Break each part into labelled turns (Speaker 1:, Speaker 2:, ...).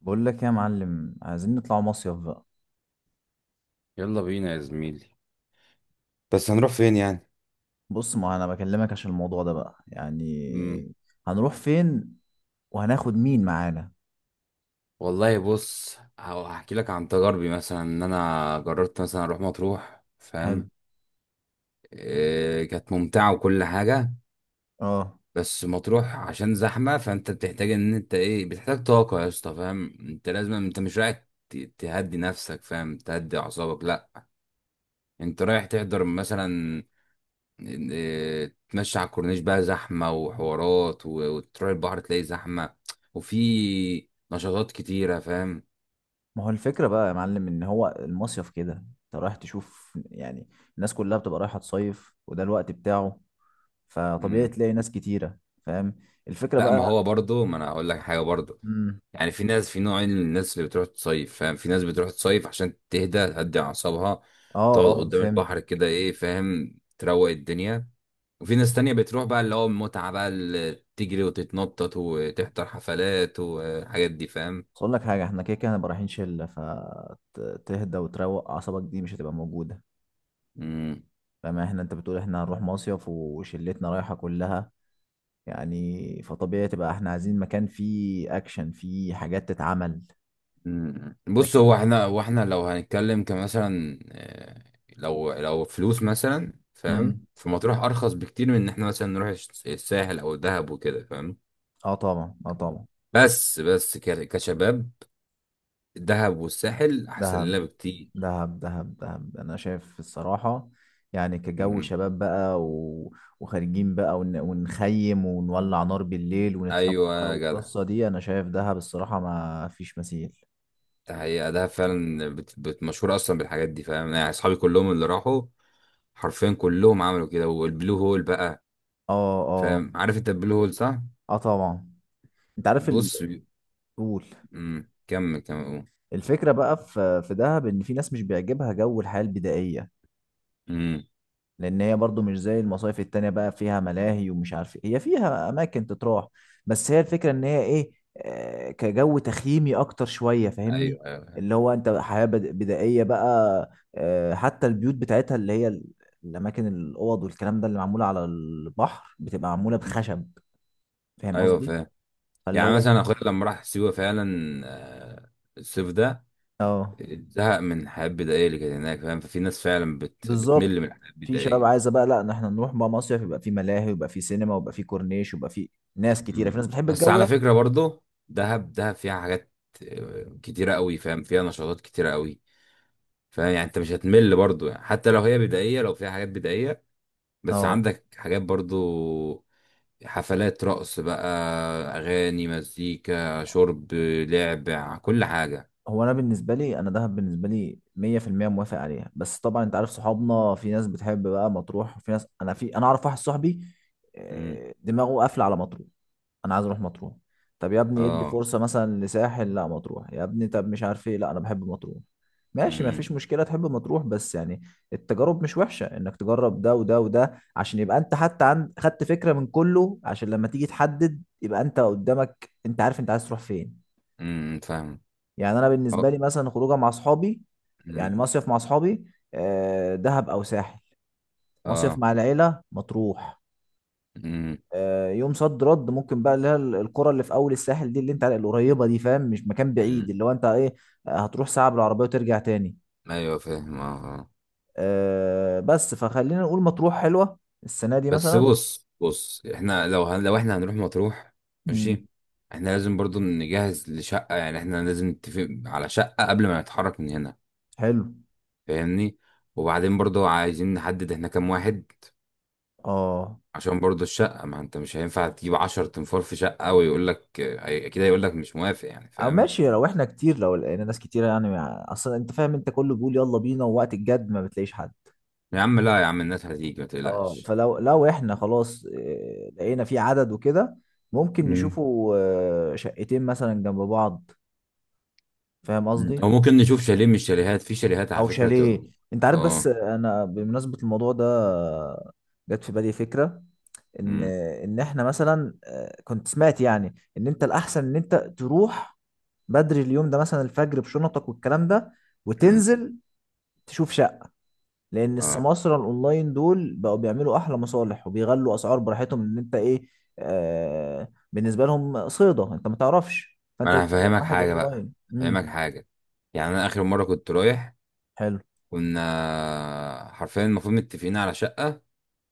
Speaker 1: بقول لك إيه يا معلم، عايزين نطلع مصيف بقى.
Speaker 2: يلا بينا يا زميلي. بس هنروح فين يعني؟
Speaker 1: بص، ما انا بكلمك عشان الموضوع ده بقى، يعني
Speaker 2: مم.
Speaker 1: هنروح فين وهناخد مين معانا؟
Speaker 2: والله بص، هحكي لك عن تجاربي، مثلا ان انا جربت مثلا اروح مطروح،
Speaker 1: حلو.
Speaker 2: فاهم؟ إيه كانت ممتعه وكل حاجه.
Speaker 1: اه.
Speaker 2: بس مطروح عشان زحمه، فانت بتحتاج ان انت ايه بتحتاج طاقه يا اسطى، فاهم؟ انت لازم، انت مش رايح تهدي نفسك، فاهم، تهدي اعصابك، لا. انت رايح تحضر مثلا، تمشي على الكورنيش، بقى زحمة وحوارات، و- وتروح البحر تلاقي زحمة، وفي نشاطات كتيرة، فاهم؟
Speaker 1: ما هو الفكرة بقى يا معلم، ان هو المصيف كده انت رايح تشوف، يعني الناس كلها بتبقى رايحة تصيف وده الوقت بتاعه، فطبيعي
Speaker 2: مم.
Speaker 1: تلاقي ناس كتيرة. فاهم؟ الفكرة
Speaker 2: لا، ما
Speaker 1: بقى.
Speaker 2: هو برضه، ما انا هقول لك حاجة برضه.
Speaker 1: امم.
Speaker 2: يعني في ناس، في نوعين من الناس اللي بتروح تصيف، فاهم. في ناس بتروح تصيف عشان تهدي أعصابها،
Speaker 1: اه
Speaker 2: تقعد
Speaker 1: اه،
Speaker 2: قدام
Speaker 1: فهمت.
Speaker 2: البحر كده ايه، فاهم، تروق الدنيا. وفي ناس تانية بتروح بقى اللي هو المتعة، بقى اللي تجري وتتنطط وتحضر حفلات والحاجات دي، فاهم؟
Speaker 1: بس اقول لك حاجة، احنا كده كده هنبقى رايحين شلة، فتهدى وتروق اعصابك دي مش هتبقى موجودة.
Speaker 2: مم.
Speaker 1: فما احنا، انت بتقول احنا هنروح مصيف وشلتنا رايحة كلها، يعني فطبيعي تبقى احنا عايزين مكان فيه اكشن، فيه حاجات تتعمل.
Speaker 2: مم. بص،
Speaker 1: لكن.
Speaker 2: هو احنا لو هنتكلم كمثلا، لو فلوس مثلا، فاهم،
Speaker 1: مم.
Speaker 2: في مطروح ارخص بكتير من ان احنا مثلا نروح الساحل او الدهب وكده، فاهم.
Speaker 1: اه طبعا، اه طبعا.
Speaker 2: بس كشباب الدهب والساحل احسن
Speaker 1: دهب،
Speaker 2: لنا بكتير.
Speaker 1: دهب، دهب، دهب، انا شايف الصراحة، يعني كجو
Speaker 2: مم.
Speaker 1: شباب بقى وخارجين بقى ونخيم ونولع نار بالليل ونتلم
Speaker 2: ايوه
Speaker 1: بقى،
Speaker 2: يا جدع،
Speaker 1: والقصة دي انا شايف دهب الصراحة ما فيش مثيل.
Speaker 2: ده حقيقة دهب فعلا مشهورة اصلا بالحاجات دي، فاهم، يعني اصحابي كلهم اللي راحوا حرفيا كلهم عملوا كده، والبلو هول بقى،
Speaker 1: اه اه.
Speaker 2: فاهم؟ عارف انت البلو هول، صح؟
Speaker 1: اه طبعا. انت عارف.
Speaker 2: بص.
Speaker 1: قول.
Speaker 2: مم. كمل كمل قول.
Speaker 1: الفكرة بقى، في دهب، إن في ناس مش بيعجبها جو الحياة البدائية.
Speaker 2: مم.
Speaker 1: لأن هي برضو مش زي المصايف التانية بقى، فيها ملاهي ومش عارف إيه. هي فيها أماكن تتراح، بس هي الفكرة إن هي إيه، كجو تخييمي أكتر شوية، فاهمني؟
Speaker 2: ايوه ايوه.
Speaker 1: اللي هو أنت حياة بدائية بقى، حتى البيوت بتاعتها اللي هي الأماكن، الأوض والكلام ده اللي معمولة على البحر بتبقى معمولة
Speaker 2: مم.
Speaker 1: بخشب. فاهم
Speaker 2: ايوه،
Speaker 1: قصدي؟
Speaker 2: فاهم.
Speaker 1: فاللي
Speaker 2: يعني
Speaker 1: هو
Speaker 2: مثلا اخويا لما راح سيوه فعلا، آه، الصيف ده،
Speaker 1: آه
Speaker 2: زهق من الحياه البدائيه اللي كانت هناك، فاهم، ففي ناس فعلا
Speaker 1: بالظبط،
Speaker 2: بتمل من الحياه
Speaker 1: في شباب
Speaker 2: البدائيه.
Speaker 1: عايزه بقى، لا إن احنا نروح بقى مصيف يبقى في ملاهي، ويبقى في سينما، ويبقى في كورنيش، ويبقى في ناس كتيره، في ناس
Speaker 2: مم.
Speaker 1: بتحب
Speaker 2: بس
Speaker 1: الجو
Speaker 2: على
Speaker 1: ده.
Speaker 2: فكره برضو، دهب دهب فيها حاجات كتيره قوي، فاهم، فيها نشاطات كتيره قوي، فاهم، يعني انت مش هتمل برضو، يعني حتى لو هي بدائيه، لو فيها حاجات بدائيه، بس
Speaker 1: اه.
Speaker 2: عندك حاجات برضو، حفلات رقص بقى، اغاني، مزيكا، شرب، لعب، كل حاجه.
Speaker 1: هو انا بالنسبه لي، انا دهب بالنسبه لي 100% موافق عليها، بس طبعا انت عارف صحابنا، في ناس بتحب بقى مطروح، وفي ناس، انا في انا اعرف واحد صاحبي، دماغه قافله على مطروح، انا عايز اروح مطروح. طب يا ابني ادي
Speaker 2: اه.
Speaker 1: فرصه مثلا لساحل، لا مطروح يا ابني، طب مش عارف ايه، لا انا بحب مطروح. ماشي،
Speaker 2: امم.
Speaker 1: مفيش مشكله، تحب مطروح بس يعني التجارب مش وحشه، انك تجرب ده وده وده، عشان يبقى انت حتى عند خدت فكره من كله، عشان لما تيجي تحدد يبقى انت قدامك، انت عارف انت عايز تروح فين.
Speaker 2: امم. فاهم.
Speaker 1: يعني انا
Speaker 2: اه.
Speaker 1: بالنسبه لي مثلا، خروجه مع اصحابي،
Speaker 2: امم.
Speaker 1: يعني مصيف مع اصحابي، دهب او ساحل، مصيف
Speaker 2: اه.
Speaker 1: مع العيله مطروح.
Speaker 2: امم.
Speaker 1: يوم صد رد ممكن بقى، اللي هي القرى اللي في اول الساحل دي اللي انت القريبه دي، فاهم؟ مش مكان بعيد،
Speaker 2: امم.
Speaker 1: اللي هو انت ايه، هتروح ساعه بالعربيه وترجع تاني.
Speaker 2: ايوه، فاهم. اه. آه.
Speaker 1: بس فخلينا نقول مطروح حلوه السنه دي
Speaker 2: بس
Speaker 1: مثلا.
Speaker 2: بص بص، احنا لو لو احنا هنروح مطروح،
Speaker 1: امم،
Speaker 2: ماشي، احنا لازم برضو نجهز لشقة، يعني احنا لازم نتفق على شقة قبل ما نتحرك من هنا،
Speaker 1: حلو.
Speaker 2: فاهمني؟ وبعدين برضو عايزين نحدد احنا كام واحد،
Speaker 1: اه.
Speaker 2: عشان برضو الشقة، ما انت مش هينفع تجيب 10 تنفار في شقة، ويقول لك، اكيد هيقول لك مش موافق يعني،
Speaker 1: او
Speaker 2: فاهم؟
Speaker 1: ماشي، لو احنا كتير، لو لقينا ناس كتير يعني، اصلا انت فاهم، انت كله بيقول يلا بينا، ووقت الجد ما بتلاقيش حد.
Speaker 2: يا عم لا، يا عم الناس هتيجي، ما
Speaker 1: اه،
Speaker 2: تقلقش.
Speaker 1: فلو احنا خلاص لقينا في عدد وكده، ممكن نشوفوا شقتين مثلا جنب بعض. فاهم
Speaker 2: مم.
Speaker 1: قصدي؟
Speaker 2: او ممكن نشوف شاليه من الشاليهات، في شاليهات على
Speaker 1: او
Speaker 2: فكره
Speaker 1: شاليه.
Speaker 2: تبقى.
Speaker 1: انت عارف، بس
Speaker 2: اه.
Speaker 1: انا بمناسبة الموضوع ده، جت في بالي فكرة، ان
Speaker 2: امم.
Speaker 1: ان احنا مثلا كنت سمعت يعني، ان انت الاحسن ان انت تروح بدري اليوم ده مثلا، الفجر بشنطك والكلام ده،
Speaker 2: امم.
Speaker 1: وتنزل تشوف شقة. لان
Speaker 2: اه.
Speaker 1: السماسرة الاونلاين دول بقوا بيعملوا احلى مصالح وبيغلوا اسعار براحتهم، ان انت ايه، بالنسبة لهم صيدة، انت ما تعرفش،
Speaker 2: ما
Speaker 1: فانت
Speaker 2: انا
Speaker 1: بتكلم
Speaker 2: هفهمك
Speaker 1: واحد
Speaker 2: حاجه بقى،
Speaker 1: اونلاين.
Speaker 2: هفهمك
Speaker 1: امم،
Speaker 2: حاجه. يعني انا اخر مره كنت رايح،
Speaker 1: حلو،
Speaker 2: كنا حرفيا المفروض متفقين على شقه،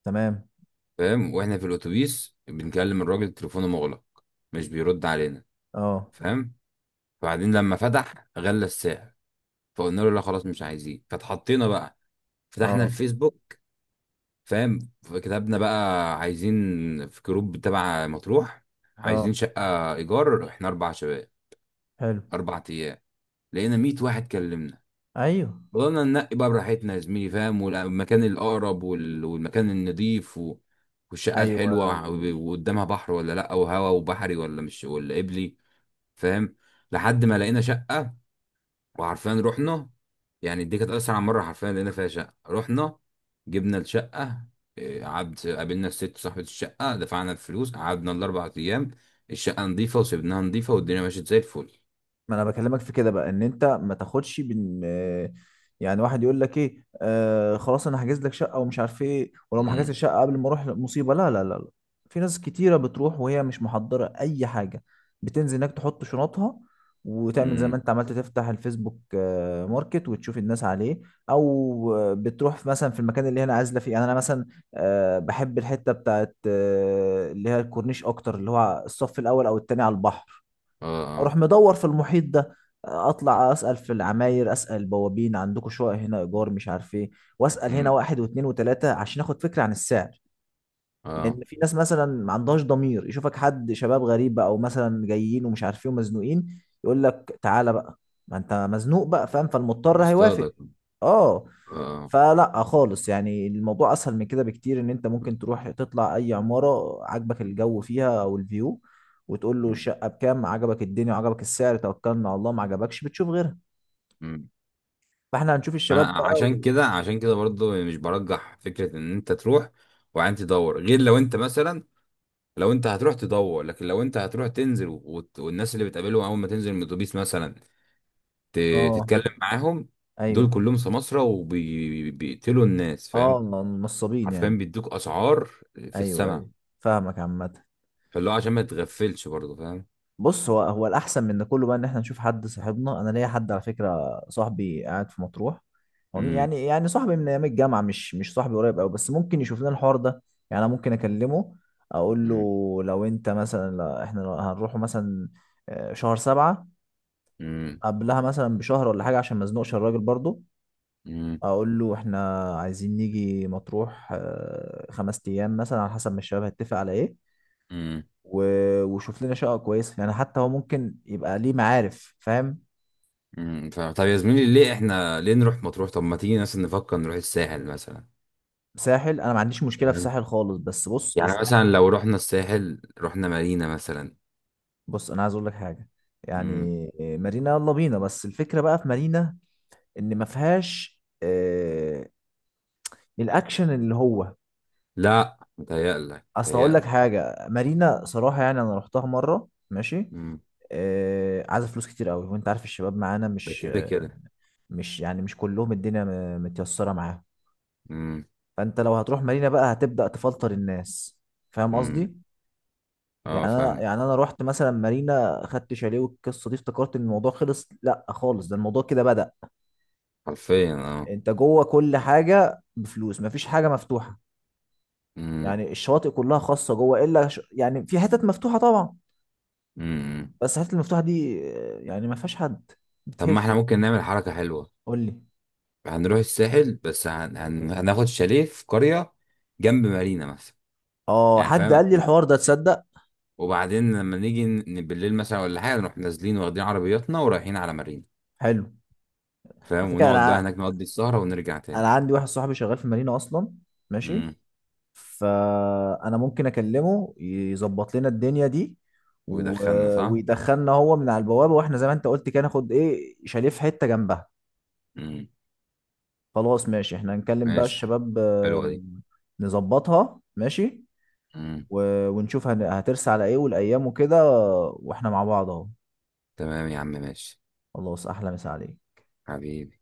Speaker 1: تمام.
Speaker 2: فاهم، واحنا في الاتوبيس بنكلم الراجل، تليفونه مغلق، مش بيرد علينا،
Speaker 1: اه
Speaker 2: فاهم. وبعدين لما فتح، غلى السعر، فقلنا له لا خلاص مش عايزين، فتحطينا بقى، فتحنا
Speaker 1: اه
Speaker 2: الفيسبوك، فاهم، فكتبنا بقى عايزين، في جروب تبع مطروح،
Speaker 1: اه،
Speaker 2: عايزين شقة إيجار، إحنا 4 شباب
Speaker 1: حلو،
Speaker 2: 4 أيام، لقينا 100 واحد كلمنا،
Speaker 1: ايوه
Speaker 2: فضلنا ننقي بقى براحتنا يا زميلي، فاهم، والمكان الأقرب وال- والمكان النضيف، و... والشقة
Speaker 1: ايوه.
Speaker 2: الحلوة و- وقدامها بحر ولا لأ، وهوا وبحري ولا مش، ولا قبلي، فاهم، لحد ما لقينا شقة، وعارفين رحنا. يعني دي كانت أسرع مرة حرفيا لقينا فيها شقة، رحنا جبنا الشقة، قعد قابلنا الست صاحبة الشقة، دفعنا الفلوس، قعدنا الـ 4 أيام، الشقة نظيفة وسيبناها نظيفة، والدنيا مشيت زي الفل.
Speaker 1: ما انا بكلمك في كده بقى، ان انت ما تاخدش بن آه، يعني واحد يقول لك ايه، خلاص انا هحجز لك شقه ومش عارف ايه، ولو ما حجزتش
Speaker 2: امم.
Speaker 1: الشقه قبل ما اروح مصيبه، لا لا لا لا. في ناس كتيره بتروح وهي مش محضره اي حاجه، بتنزل هناك تحط شنطها، وتعمل زي ما
Speaker 2: امم.
Speaker 1: انت عملت، تفتح الفيسبوك ماركت وتشوف الناس عليه. او بتروح مثلا في المكان اللي هي انا عازله فيه يعني، انا مثلا بحب الحته بتاعت، اللي هي الكورنيش اكتر، اللي هو الصف الاول او التاني على البحر،
Speaker 2: اه.
Speaker 1: اروح
Speaker 2: اه.
Speaker 1: مدور في المحيط ده، اطلع اسال في العماير، اسال البوابين عندكم شقق هنا ايجار، مش عارف ايه، واسال هنا
Speaker 2: امم.
Speaker 1: واحد واثنين وثلاثه عشان اخد فكره عن السعر.
Speaker 2: اه.
Speaker 1: لان في ناس مثلا ما عندهاش ضمير، يشوفك حد شباب غريب بقى، او مثلا جايين ومش عارف ايه ومزنوقين، يقول لك تعالى بقى، ما انت مزنوق بقى، فاهم، فالمضطر هيوافق.
Speaker 2: بيصطادك.
Speaker 1: اه.
Speaker 2: اه.
Speaker 1: فلا خالص، يعني الموضوع اسهل من كده بكتير، ان انت ممكن تروح تطلع اي عمارة عجبك الجو فيها او الفيو، وتقول له
Speaker 2: امم.
Speaker 1: الشقة بكام، عجبك الدنيا وعجبك السعر توكلنا على الله، ما عجبكش بتشوف غيرها.
Speaker 2: امم.
Speaker 1: فاحنا هنشوف
Speaker 2: انا
Speaker 1: الشباب بقى
Speaker 2: عشان
Speaker 1: و...
Speaker 2: كده، عشان كده برضو، مش برجح فكرة ان انت تروح وبعدين تدور، غير لو انت مثلا، لو انت هتروح تدور، لكن لو انت هتروح تنزل وت- والناس اللي بتقابلهم اول ما تنزل من الاتوبيس مثلا،
Speaker 1: اه،
Speaker 2: تتكلم معاهم، دول
Speaker 1: ايوه،
Speaker 2: كلهم سماسرة وبيقتلوا الناس،
Speaker 1: اه.
Speaker 2: فاهم،
Speaker 1: نصابين
Speaker 2: حرفيا
Speaker 1: يعني.
Speaker 2: بيدوك اسعار في
Speaker 1: ايوه
Speaker 2: السماء،
Speaker 1: ايوه، فاهمك عامة.
Speaker 2: فاللي هو عشان ما تغفلش برضه، فاهم.
Speaker 1: بص، هو الاحسن من ده كله بقى، ان احنا نشوف حد صاحبنا، انا ليا حد على فكره صاحبي قاعد في مطروح،
Speaker 2: امم.
Speaker 1: يعني صاحبي من ايام الجامعه، مش صاحبي قريب قوي، بس ممكن يشوف لنا الحوار ده. يعني انا ممكن اكلمه، اقول له
Speaker 2: امم.
Speaker 1: لو انت مثلا، لا احنا هنروحوا مثلا شهر 7،
Speaker 2: امم.
Speaker 1: قبلها مثلا بشهر ولا حاجه عشان ما ازنقش الراجل برضو.
Speaker 2: امم.
Speaker 1: اقول له احنا عايزين نيجي مطروح 5 ايام مثلا، على حسب ما الشباب هيتفق على ايه،
Speaker 2: امم.
Speaker 1: وشوف لنا شقه كويسه، يعني حتى هو ممكن يبقى ليه معارف، فاهم؟
Speaker 2: امم. فاهم، طب يا زميلي ليه احنا، ليه نروح مطروح؟ طب ما تيجي مثلا نفكر نروح الساحل مثلا،
Speaker 1: ساحل، انا ما عنديش مشكله في
Speaker 2: فاهم،
Speaker 1: ساحل خالص، بس بص،
Speaker 2: يعني
Speaker 1: الساحل،
Speaker 2: مثلا لو رحنا الساحل، رحنا مارينا مثلا.
Speaker 1: بص انا عايز اقول لك حاجه يعني،
Speaker 2: امم.
Speaker 1: مارينا يلا بينا، بس الفكره بقى في مارينا، ان ما فيهاش الاكشن اللي هو،
Speaker 2: لا متهيألك،
Speaker 1: اصل هقول لك
Speaker 2: متهيألك.
Speaker 1: حاجه، مارينا صراحه يعني، انا رحتها مره ماشي،
Speaker 2: مم.
Speaker 1: عايزه فلوس كتير قوي، وانت عارف الشباب معانا،
Speaker 2: ده
Speaker 1: مش
Speaker 2: كده كده.
Speaker 1: مش يعني مش كلهم الدنيا متيسره معاهم.
Speaker 2: مم.
Speaker 1: فانت لو هتروح مارينا بقى هتبدا تفلتر الناس، فاهم
Speaker 2: مم.
Speaker 1: قصدي؟ يعني
Speaker 2: اه
Speaker 1: انا
Speaker 2: فاهم.
Speaker 1: يعني انا رحت مثلا مارينا خدت شاليه والقصه دي افتكرت ان الموضوع خلص، لا خالص ده الموضوع كده بدأ.
Speaker 2: حرفيا اه.
Speaker 1: انت جوه كل حاجه بفلوس، مفيش حاجه مفتوحه،
Speaker 2: مم.
Speaker 1: يعني الشواطئ كلها خاصه جوه، الا يعني في حتت مفتوحه طبعا،
Speaker 2: مم.
Speaker 1: بس الحتت المفتوحه دي يعني ما فيهاش حد
Speaker 2: طب ما احنا
Speaker 1: بتهش.
Speaker 2: ممكن نعمل حركة حلوة،
Speaker 1: قول لي.
Speaker 2: هنروح الساحل، بس هناخد شاليه في قرية جنب مارينا مثلا،
Speaker 1: اه،
Speaker 2: يعني
Speaker 1: حد
Speaker 2: فاهم،
Speaker 1: قال لي
Speaker 2: و-
Speaker 1: الحوار ده تصدق.
Speaker 2: وبعدين لما نيجي بالليل مثلا ولا حاجة، نروح نازلين واخدين عربياتنا ورايحين على مارينا،
Speaker 1: حلو. على
Speaker 2: فاهم،
Speaker 1: فكره،
Speaker 2: ونقعد
Speaker 1: انا
Speaker 2: بقى هناك نقضي السهرة ونرجع
Speaker 1: انا
Speaker 2: تاني.
Speaker 1: عندي واحد صاحبي شغال في مارينا اصلا، ماشي،
Speaker 2: مم.
Speaker 1: فانا ممكن اكلمه يظبط لنا الدنيا دي، و...
Speaker 2: ويدخلنا، صح؟
Speaker 1: ويدخلنا هو من على البوابه، واحنا زي ما انت قلت كده، ناخد ايه شاليه في حته جنبها.
Speaker 2: مم.
Speaker 1: خلاص ماشي، احنا هنكلم بقى
Speaker 2: ماشي.
Speaker 1: الشباب،
Speaker 2: حلوة دي.
Speaker 1: نظبطها ماشي،
Speaker 2: مم.
Speaker 1: و... ونشوف هترسى على ايه والايام وكده، واحنا مع بعض اهو.
Speaker 2: تمام يا عم، ماشي.
Speaker 1: خلاص، احلى مسا عليك.
Speaker 2: حبيبي.